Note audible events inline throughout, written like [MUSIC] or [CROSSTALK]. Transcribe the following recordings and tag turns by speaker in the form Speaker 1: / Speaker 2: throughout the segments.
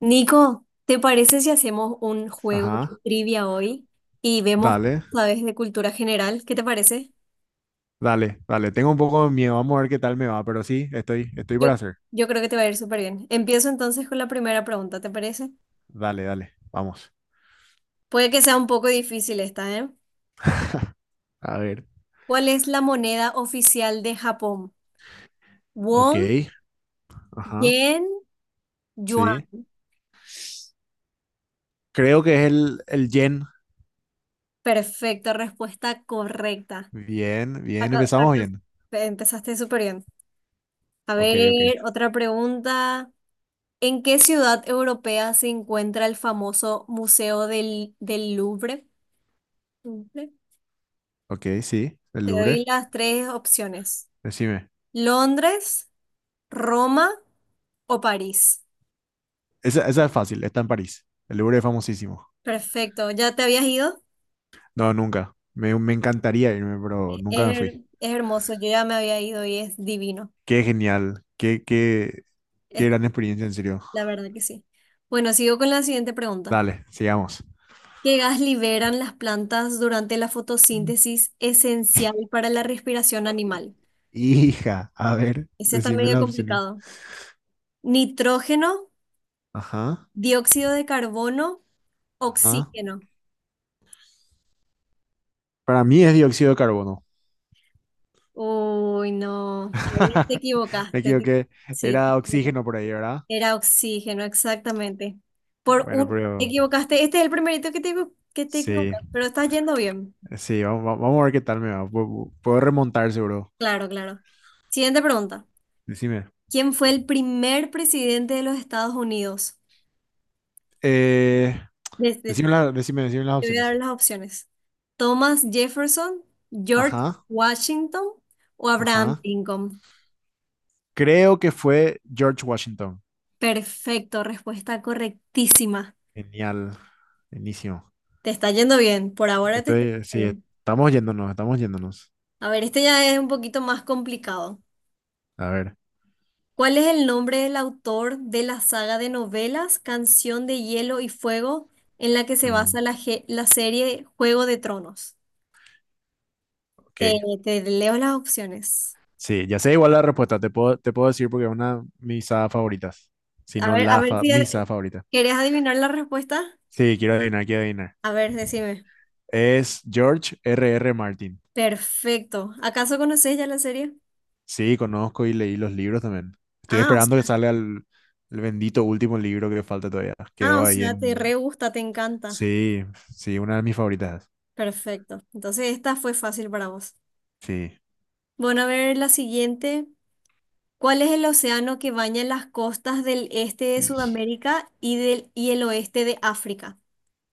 Speaker 1: Nico, ¿te parece si hacemos un juego de
Speaker 2: Ajá,
Speaker 1: trivia hoy y vemos,
Speaker 2: dale,
Speaker 1: sabes, de cultura general? ¿Qué te parece?
Speaker 2: dale, dale. Tengo un poco de miedo, vamos a ver qué tal me va, pero sí, estoy
Speaker 1: Yo,
Speaker 2: para hacer.
Speaker 1: yo creo que te va a ir súper bien. Empiezo entonces con la primera pregunta, ¿te parece?
Speaker 2: Dale, dale, vamos.
Speaker 1: Puede que sea un poco difícil esta, ¿eh?
Speaker 2: A ver,
Speaker 1: ¿Cuál es la moneda oficial de Japón?
Speaker 2: ok,
Speaker 1: Won,
Speaker 2: ajá,
Speaker 1: yen, yuan.
Speaker 2: sí. Creo que es el yen.
Speaker 1: Perfecto, respuesta correcta.
Speaker 2: Bien, bien,
Speaker 1: Acá,
Speaker 2: empezamos
Speaker 1: acá
Speaker 2: bien.
Speaker 1: empezaste súper bien. A
Speaker 2: Ok, ok,
Speaker 1: ver, otra pregunta. ¿En qué ciudad europea se encuentra el famoso Museo del Louvre? Louvre.
Speaker 2: ok, sí, el
Speaker 1: Te doy
Speaker 2: Louvre,
Speaker 1: las tres opciones.
Speaker 2: decime.
Speaker 1: Londres, Roma o París.
Speaker 2: Esa es fácil, está en París. El Louvre es famosísimo.
Speaker 1: Perfecto. ¿Ya te habías ido?
Speaker 2: No, nunca. Me encantaría irme, pero
Speaker 1: Es,
Speaker 2: nunca me
Speaker 1: her-
Speaker 2: fui.
Speaker 1: es hermoso. Yo ya me había ido y es divino.
Speaker 2: Qué genial,
Speaker 1: Es,
Speaker 2: qué gran experiencia, en serio.
Speaker 1: la verdad que sí. Bueno, sigo con la siguiente pregunta.
Speaker 2: Dale, sigamos.
Speaker 1: ¿Qué gas liberan las plantas durante la fotosíntesis esencial para la respiración animal?
Speaker 2: Hija, a ver,
Speaker 1: Ese está
Speaker 2: decime
Speaker 1: medio
Speaker 2: las opciones.
Speaker 1: complicado. ¿Nitrógeno?
Speaker 2: Ajá,
Speaker 1: Dióxido de carbono,
Speaker 2: ajá.
Speaker 1: oxígeno.
Speaker 2: Para mí es dióxido de carbono.
Speaker 1: Uy, no, ahí te
Speaker 2: [LAUGHS] Me
Speaker 1: equivocaste.
Speaker 2: equivoqué.
Speaker 1: Sí, te
Speaker 2: Era
Speaker 1: equivocaste.
Speaker 2: oxígeno por ahí, ¿verdad?
Speaker 1: Era oxígeno, exactamente. Por
Speaker 2: Bueno,
Speaker 1: un, te
Speaker 2: pero
Speaker 1: equivocaste. Este es el primerito que te
Speaker 2: sí,
Speaker 1: equivocas, pero estás yendo bien.
Speaker 2: sí, vamos, vamos a ver qué tal me va. Puedo remontar seguro.
Speaker 1: Claro, claro. Siguiente pregunta.
Speaker 2: Decime.
Speaker 1: ¿Quién fue el primer presidente de los Estados Unidos?
Speaker 2: Eh,
Speaker 1: Te
Speaker 2: decime. Decime las
Speaker 1: voy a dar
Speaker 2: opciones.
Speaker 1: las opciones. ¿Thomas Jefferson, George
Speaker 2: Ajá,
Speaker 1: Washington o Abraham
Speaker 2: ajá.
Speaker 1: Lincoln?
Speaker 2: Creo que fue George Washington.
Speaker 1: Perfecto, respuesta correctísima.
Speaker 2: Genial. Inicio.
Speaker 1: Te está yendo bien, por ahora te está yendo
Speaker 2: Estoy, sí,
Speaker 1: bien.
Speaker 2: estamos yéndonos, estamos yéndonos.
Speaker 1: A ver, este ya es un poquito más complicado.
Speaker 2: A ver.
Speaker 1: ¿Cuál es el nombre del autor de la saga de novelas Canción de Hielo y Fuego en la que se
Speaker 2: Mm,
Speaker 1: basa la serie Juego de Tronos?
Speaker 2: ok.
Speaker 1: Te, te leo las opciones.
Speaker 2: Sí, ya sé igual la respuesta, te puedo decir porque es una de mis sagas favoritas, si no
Speaker 1: A ver si
Speaker 2: mi saga favorita.
Speaker 1: querés adivinar la respuesta.
Speaker 2: Sí, quiero adivinar, quiero adivinar.
Speaker 1: A ver, decime.
Speaker 2: Es George R. R. Martin.
Speaker 1: Perfecto. ¿Acaso conoces ya la serie?
Speaker 2: Sí, conozco y leí los libros también. Estoy
Speaker 1: Ah, o sea,
Speaker 2: esperando que salga el bendito último libro que falta todavía.
Speaker 1: ah,
Speaker 2: Quedó
Speaker 1: o
Speaker 2: ahí
Speaker 1: sea, te
Speaker 2: en...
Speaker 1: re gusta, te encanta.
Speaker 2: Sí, sí, una de mis favoritas.
Speaker 1: Perfecto. Entonces esta fue fácil para vos.
Speaker 2: Sí.
Speaker 1: Bueno, a ver la siguiente. ¿Cuál es el océano que baña las costas del este de
Speaker 2: Y,
Speaker 1: Sudamérica y del y el oeste de África?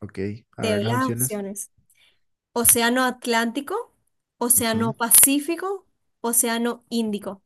Speaker 2: ok, a
Speaker 1: Te
Speaker 2: ver
Speaker 1: doy
Speaker 2: las
Speaker 1: las
Speaker 2: opciones.
Speaker 1: opciones. Océano Atlántico, Océano
Speaker 2: Ujú.
Speaker 1: Pacífico, Océano Índico.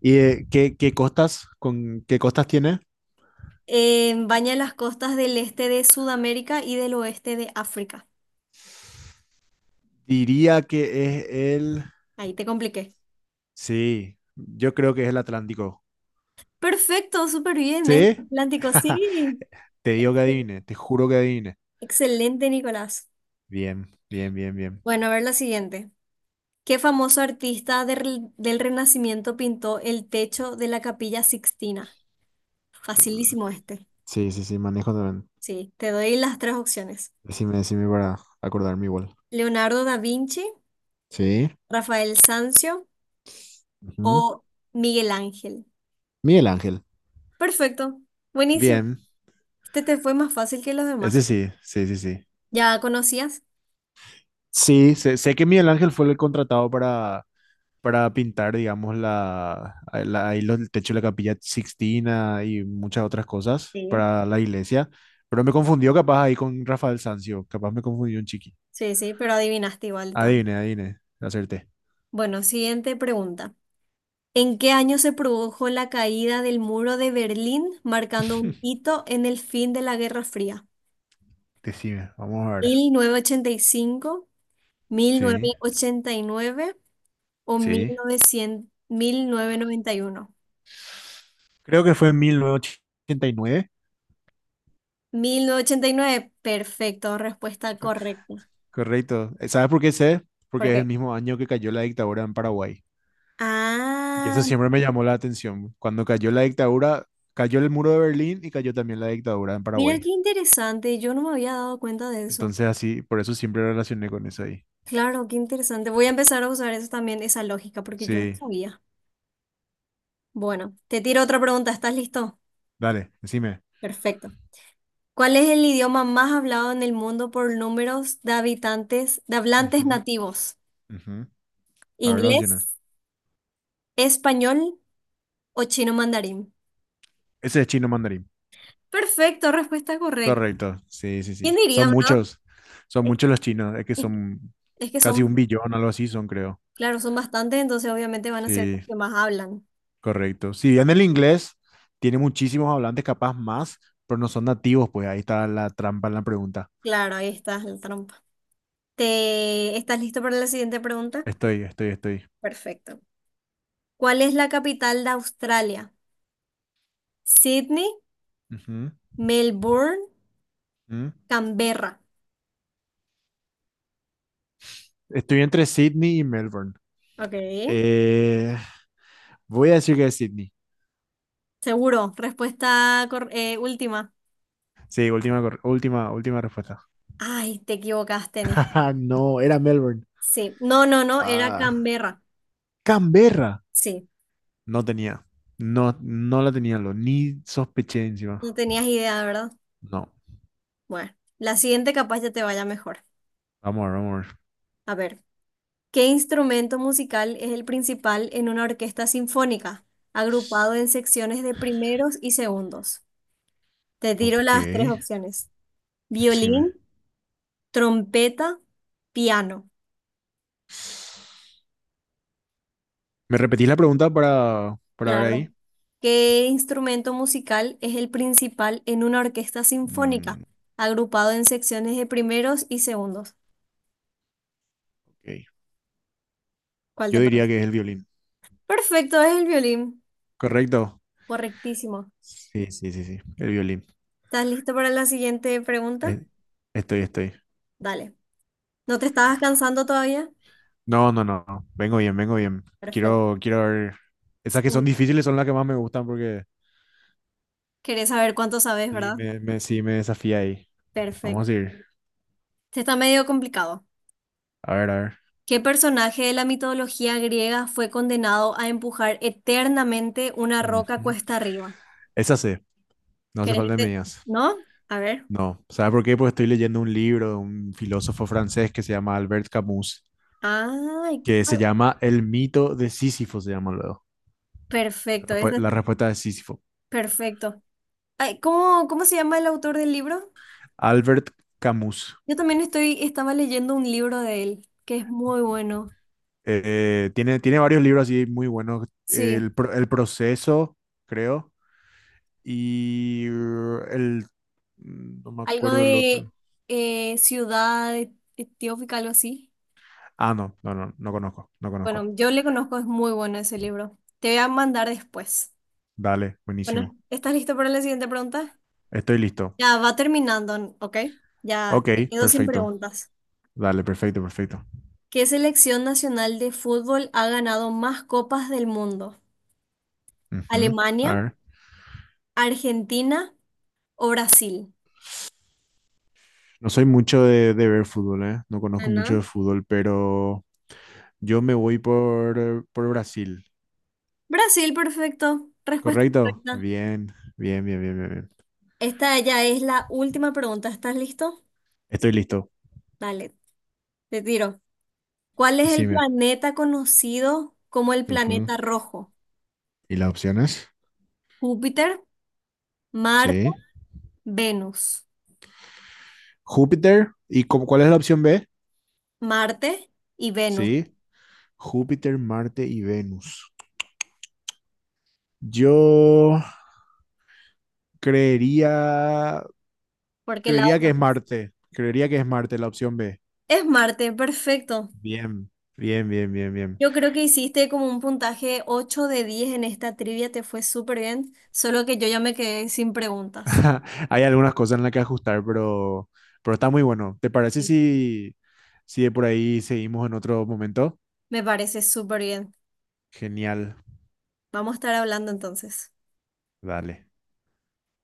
Speaker 2: ¿Y con qué costas tiene?
Speaker 1: Baña las costas del este de Sudamérica y del oeste de África.
Speaker 2: Diría que es el...
Speaker 1: Ahí te compliqué.
Speaker 2: Sí, yo creo que es el Atlántico.
Speaker 1: Perfecto, súper bien, es
Speaker 2: ¿Sí?
Speaker 1: Atlántico,
Speaker 2: [LAUGHS]
Speaker 1: sí.
Speaker 2: Te digo que
Speaker 1: Excel-
Speaker 2: adivine, te juro que adivine.
Speaker 1: Excelente, Nicolás.
Speaker 2: Bien, bien, bien, bien.
Speaker 1: Bueno, a ver la siguiente. ¿Qué famoso artista del Renacimiento pintó el techo de la Capilla Sixtina?
Speaker 2: Mm,
Speaker 1: Facilísimo este.
Speaker 2: sí, sí, sí, manejo también.
Speaker 1: Sí, te doy las tres opciones.
Speaker 2: Decime, decime para acordarme igual.
Speaker 1: Leonardo da Vinci,
Speaker 2: Sí.
Speaker 1: Rafael Sanzio
Speaker 2: Ujú.
Speaker 1: o Miguel Ángel.
Speaker 2: Miguel Ángel.
Speaker 1: Perfecto, buenísimo.
Speaker 2: Bien,
Speaker 1: Este te fue más fácil que los
Speaker 2: ese
Speaker 1: demás.
Speaker 2: sí, sí, sí, sí.
Speaker 1: ¿Ya conocías?
Speaker 2: Sí, sé que Miguel Ángel fue el contratado para, pintar, digamos, el techo de la Capilla Sixtina y muchas otras cosas
Speaker 1: Sí.
Speaker 2: para la iglesia. Pero me confundió capaz ahí con Rafael Sanzio, capaz me confundió un chiqui.
Speaker 1: Sí, sí, pero adivinaste igual. De todas.
Speaker 2: Adivine, adivine, acerté.
Speaker 1: Bueno, siguiente pregunta. ¿En qué año se produjo la caída del muro de Berlín, marcando un
Speaker 2: [LAUGHS]
Speaker 1: hito en el fin de la Guerra Fría?
Speaker 2: Decime, vamos a
Speaker 1: mil
Speaker 2: ver.
Speaker 1: mil novecientos ochenta y cinco, mil
Speaker 2: Sí,
Speaker 1: novecientos ochenta y nueve o mil mil
Speaker 2: sí.
Speaker 1: mil novecientos noventa y uno,
Speaker 2: Creo que fue en 1989.
Speaker 1: 1989, perfecto, respuesta
Speaker 2: Co-
Speaker 1: correcta.
Speaker 2: Correcto. ¿Sabes por qué sé?
Speaker 1: ¿Por
Speaker 2: Porque es el
Speaker 1: qué?
Speaker 2: mismo año que cayó la dictadura en Paraguay. Y eso
Speaker 1: Ah,
Speaker 2: siempre me llamó la atención. Cuando cayó la dictadura, cayó el muro de Berlín y cayó también la dictadura en
Speaker 1: mira
Speaker 2: Paraguay.
Speaker 1: qué interesante, yo no me había dado cuenta de eso.
Speaker 2: Entonces así, por eso siempre relacioné con eso ahí.
Speaker 1: Claro, qué interesante. Voy a empezar a usar eso también, esa lógica, porque yo no
Speaker 2: Sí,
Speaker 1: sabía. Bueno, te tiro otra pregunta, ¿estás listo?
Speaker 2: dale, decime.
Speaker 1: Perfecto. ¿Cuál es el idioma más hablado en el mundo por números de hablantes
Speaker 2: Ujú,
Speaker 1: nativos?
Speaker 2: ujú. A ver las
Speaker 1: ¿Inglés?
Speaker 2: opciones.
Speaker 1: ¿Español o chino mandarín?
Speaker 2: Ese es chino mandarín.
Speaker 1: Perfecto, respuesta correcta.
Speaker 2: Correcto, sí, sí,
Speaker 1: ¿Quién
Speaker 2: sí.
Speaker 1: diría, verdad?
Speaker 2: Son
Speaker 1: Es,
Speaker 2: muchos los chinos, es que
Speaker 1: es-
Speaker 2: son
Speaker 1: es que
Speaker 2: casi un
Speaker 1: son,
Speaker 2: billón, algo así son, creo.
Speaker 1: claro, son bastantes, entonces obviamente van a ser los
Speaker 2: Sí,
Speaker 1: que más hablan.
Speaker 2: correcto. Si bien el inglés tiene muchísimos hablantes, capaz más, pero no son nativos, pues ahí está la trampa en la pregunta.
Speaker 1: Claro, ahí está la trampa. ¿Estás listo para la siguiente pregunta?
Speaker 2: Estoy.
Speaker 1: Perfecto. ¿Cuál es la capital de Australia? Sydney,
Speaker 2: Ujú,
Speaker 1: Melbourne,
Speaker 2: ujú.
Speaker 1: Canberra.
Speaker 2: Estoy entre Sydney y Melbourne.
Speaker 1: Ok.
Speaker 2: Eh, Voy a decir que es Sydney.
Speaker 1: Seguro, respuesta última.
Speaker 2: Sí, última, última respuesta. [LAUGHS]
Speaker 1: Ay, te equivocaste en esto.
Speaker 2: Ah, no, era Melbourne.
Speaker 1: Sí. No, no, no, era
Speaker 2: Ah,
Speaker 1: Canberra.
Speaker 2: Canberra.
Speaker 1: Sí.
Speaker 2: No tenía. No, no la tenía, lo, ni sospeché encima.
Speaker 1: No tenías idea, ¿verdad?
Speaker 2: No.
Speaker 1: Bueno, la siguiente capaz ya te vaya mejor.
Speaker 2: Vamos a ver, vamos a ver.
Speaker 1: A ver, ¿qué instrumento musical es el principal en una orquesta sinfónica, agrupado en secciones de primeros y segundos? Te tiro
Speaker 2: Ok,
Speaker 1: las tres opciones.
Speaker 2: decime.
Speaker 1: Violín, trompeta, piano.
Speaker 2: ¿Me repetís la pregunta para, ver
Speaker 1: Claro.
Speaker 2: ahí?
Speaker 1: ¿Qué instrumento musical es el principal en una orquesta sinfónica,
Speaker 2: Mm,
Speaker 1: agrupado en secciones de primeros y segundos?
Speaker 2: ok.
Speaker 1: ¿Cuál te
Speaker 2: Yo diría
Speaker 1: parece?
Speaker 2: que es el violín.
Speaker 1: Perfecto, es el violín.
Speaker 2: ¿Correcto?
Speaker 1: Correctísimo.
Speaker 2: Sí, sí, sí, sí. El violín.
Speaker 1: ¿Estás listo para la siguiente pregunta?
Speaker 2: Es- estoy.
Speaker 1: Dale. ¿No te estabas cansando todavía?
Speaker 2: No, no, no, no. Vengo bien, vengo bien.
Speaker 1: Perfecto.
Speaker 2: Quiero ver.
Speaker 1: Es
Speaker 2: Esas que son
Speaker 1: cuan-
Speaker 2: difíciles son las que más me gustan porque
Speaker 1: Querés saber cuánto sabes,
Speaker 2: Sí,
Speaker 1: ¿verdad?
Speaker 2: me, me, sí, me desafía ahí. Vamos
Speaker 1: Perfecto.
Speaker 2: a ir.
Speaker 1: Este está medio complicado.
Speaker 2: A ver, a ver.
Speaker 1: ¿Qué personaje de la mitología griega fue condenado a empujar eternamente una roca
Speaker 2: Ujú.
Speaker 1: cuesta arriba?
Speaker 2: Esa sé, no hace
Speaker 1: ¿Querés que
Speaker 2: falta de
Speaker 1: te...
Speaker 2: medias.
Speaker 1: ¿No? A ver.
Speaker 2: No, ¿sabe por qué? Porque estoy leyendo un libro de un filósofo francés que se llama Albert Camus,
Speaker 1: Ay,
Speaker 2: que se llama El mito de Sísifo, se llama luego. La,
Speaker 1: perfecto.
Speaker 2: respu-
Speaker 1: ese es-
Speaker 2: la respuesta de Sísifo.
Speaker 1: perfecto. Ay, ¿cómo se llama el autor del libro?
Speaker 2: Albert Camus.
Speaker 1: Yo también estaba leyendo un libro de él, que es muy bueno.
Speaker 2: Tiene varios libros así muy buenos.
Speaker 1: Sí.
Speaker 2: El proceso, creo, y el... No me
Speaker 1: Algo
Speaker 2: acuerdo el
Speaker 1: de
Speaker 2: otro.
Speaker 1: ciudad etiópica, algo así.
Speaker 2: Ah, no, no, no, no conozco, no
Speaker 1: Bueno,
Speaker 2: conozco.
Speaker 1: yo le conozco, es muy bueno ese libro. Te voy a mandar después.
Speaker 2: Dale,
Speaker 1: Bueno,
Speaker 2: buenísimo.
Speaker 1: ¿estás listo para la siguiente pregunta?
Speaker 2: Estoy listo.
Speaker 1: Ya va terminando, ¿ok? Ya
Speaker 2: Ok,
Speaker 1: me quedo sin
Speaker 2: perfecto.
Speaker 1: preguntas.
Speaker 2: Dale, perfecto, perfecto.
Speaker 1: ¿Qué selección nacional de fútbol ha ganado más copas del mundo?
Speaker 2: Ujú. A
Speaker 1: ¿Alemania,
Speaker 2: ver,
Speaker 1: Argentina o Brasil?
Speaker 2: no soy mucho de ver fútbol, ¿eh? No
Speaker 1: Ah,
Speaker 2: conozco mucho de
Speaker 1: ¿no?
Speaker 2: fútbol, pero yo me voy por, Brasil.
Speaker 1: Brasil, perfecto. Respuesta
Speaker 2: ¿Correcto?
Speaker 1: correcta.
Speaker 2: Bien, bien, bien, bien, bien, bien.
Speaker 1: Esta ya es la última pregunta. ¿Estás listo?
Speaker 2: Estoy listo.
Speaker 1: Dale, te tiro. ¿Cuál es el
Speaker 2: Decime.
Speaker 1: planeta conocido como el
Speaker 2: Ujú.
Speaker 1: planeta rojo?
Speaker 2: ¿Y las opciones?
Speaker 1: Júpiter, Marte,
Speaker 2: Sí.
Speaker 1: Venus.
Speaker 2: Júpiter. ¿Y cuál es la opción B?
Speaker 1: Marte y Venus,
Speaker 2: Sí. Júpiter, Marte y Venus. Yo creería
Speaker 1: porque la
Speaker 2: Creería
Speaker 1: otra
Speaker 2: que es
Speaker 1: vez.
Speaker 2: Marte. Creería que es Marte la opción B.
Speaker 1: Es Marte, perfecto.
Speaker 2: Bien, bien, bien, bien, bien.
Speaker 1: Yo creo que hiciste como un puntaje 8 de 10 en esta trivia, te fue súper bien, solo que yo ya me quedé sin preguntas.
Speaker 2: [LAUGHS] Hay algunas cosas en las que ajustar, pero, está muy bueno. ¿Te parece
Speaker 1: Sí.
Speaker 2: si, si de por ahí seguimos en otro momento?
Speaker 1: Me parece súper bien.
Speaker 2: Genial.
Speaker 1: Vamos a estar hablando entonces.
Speaker 2: Dale.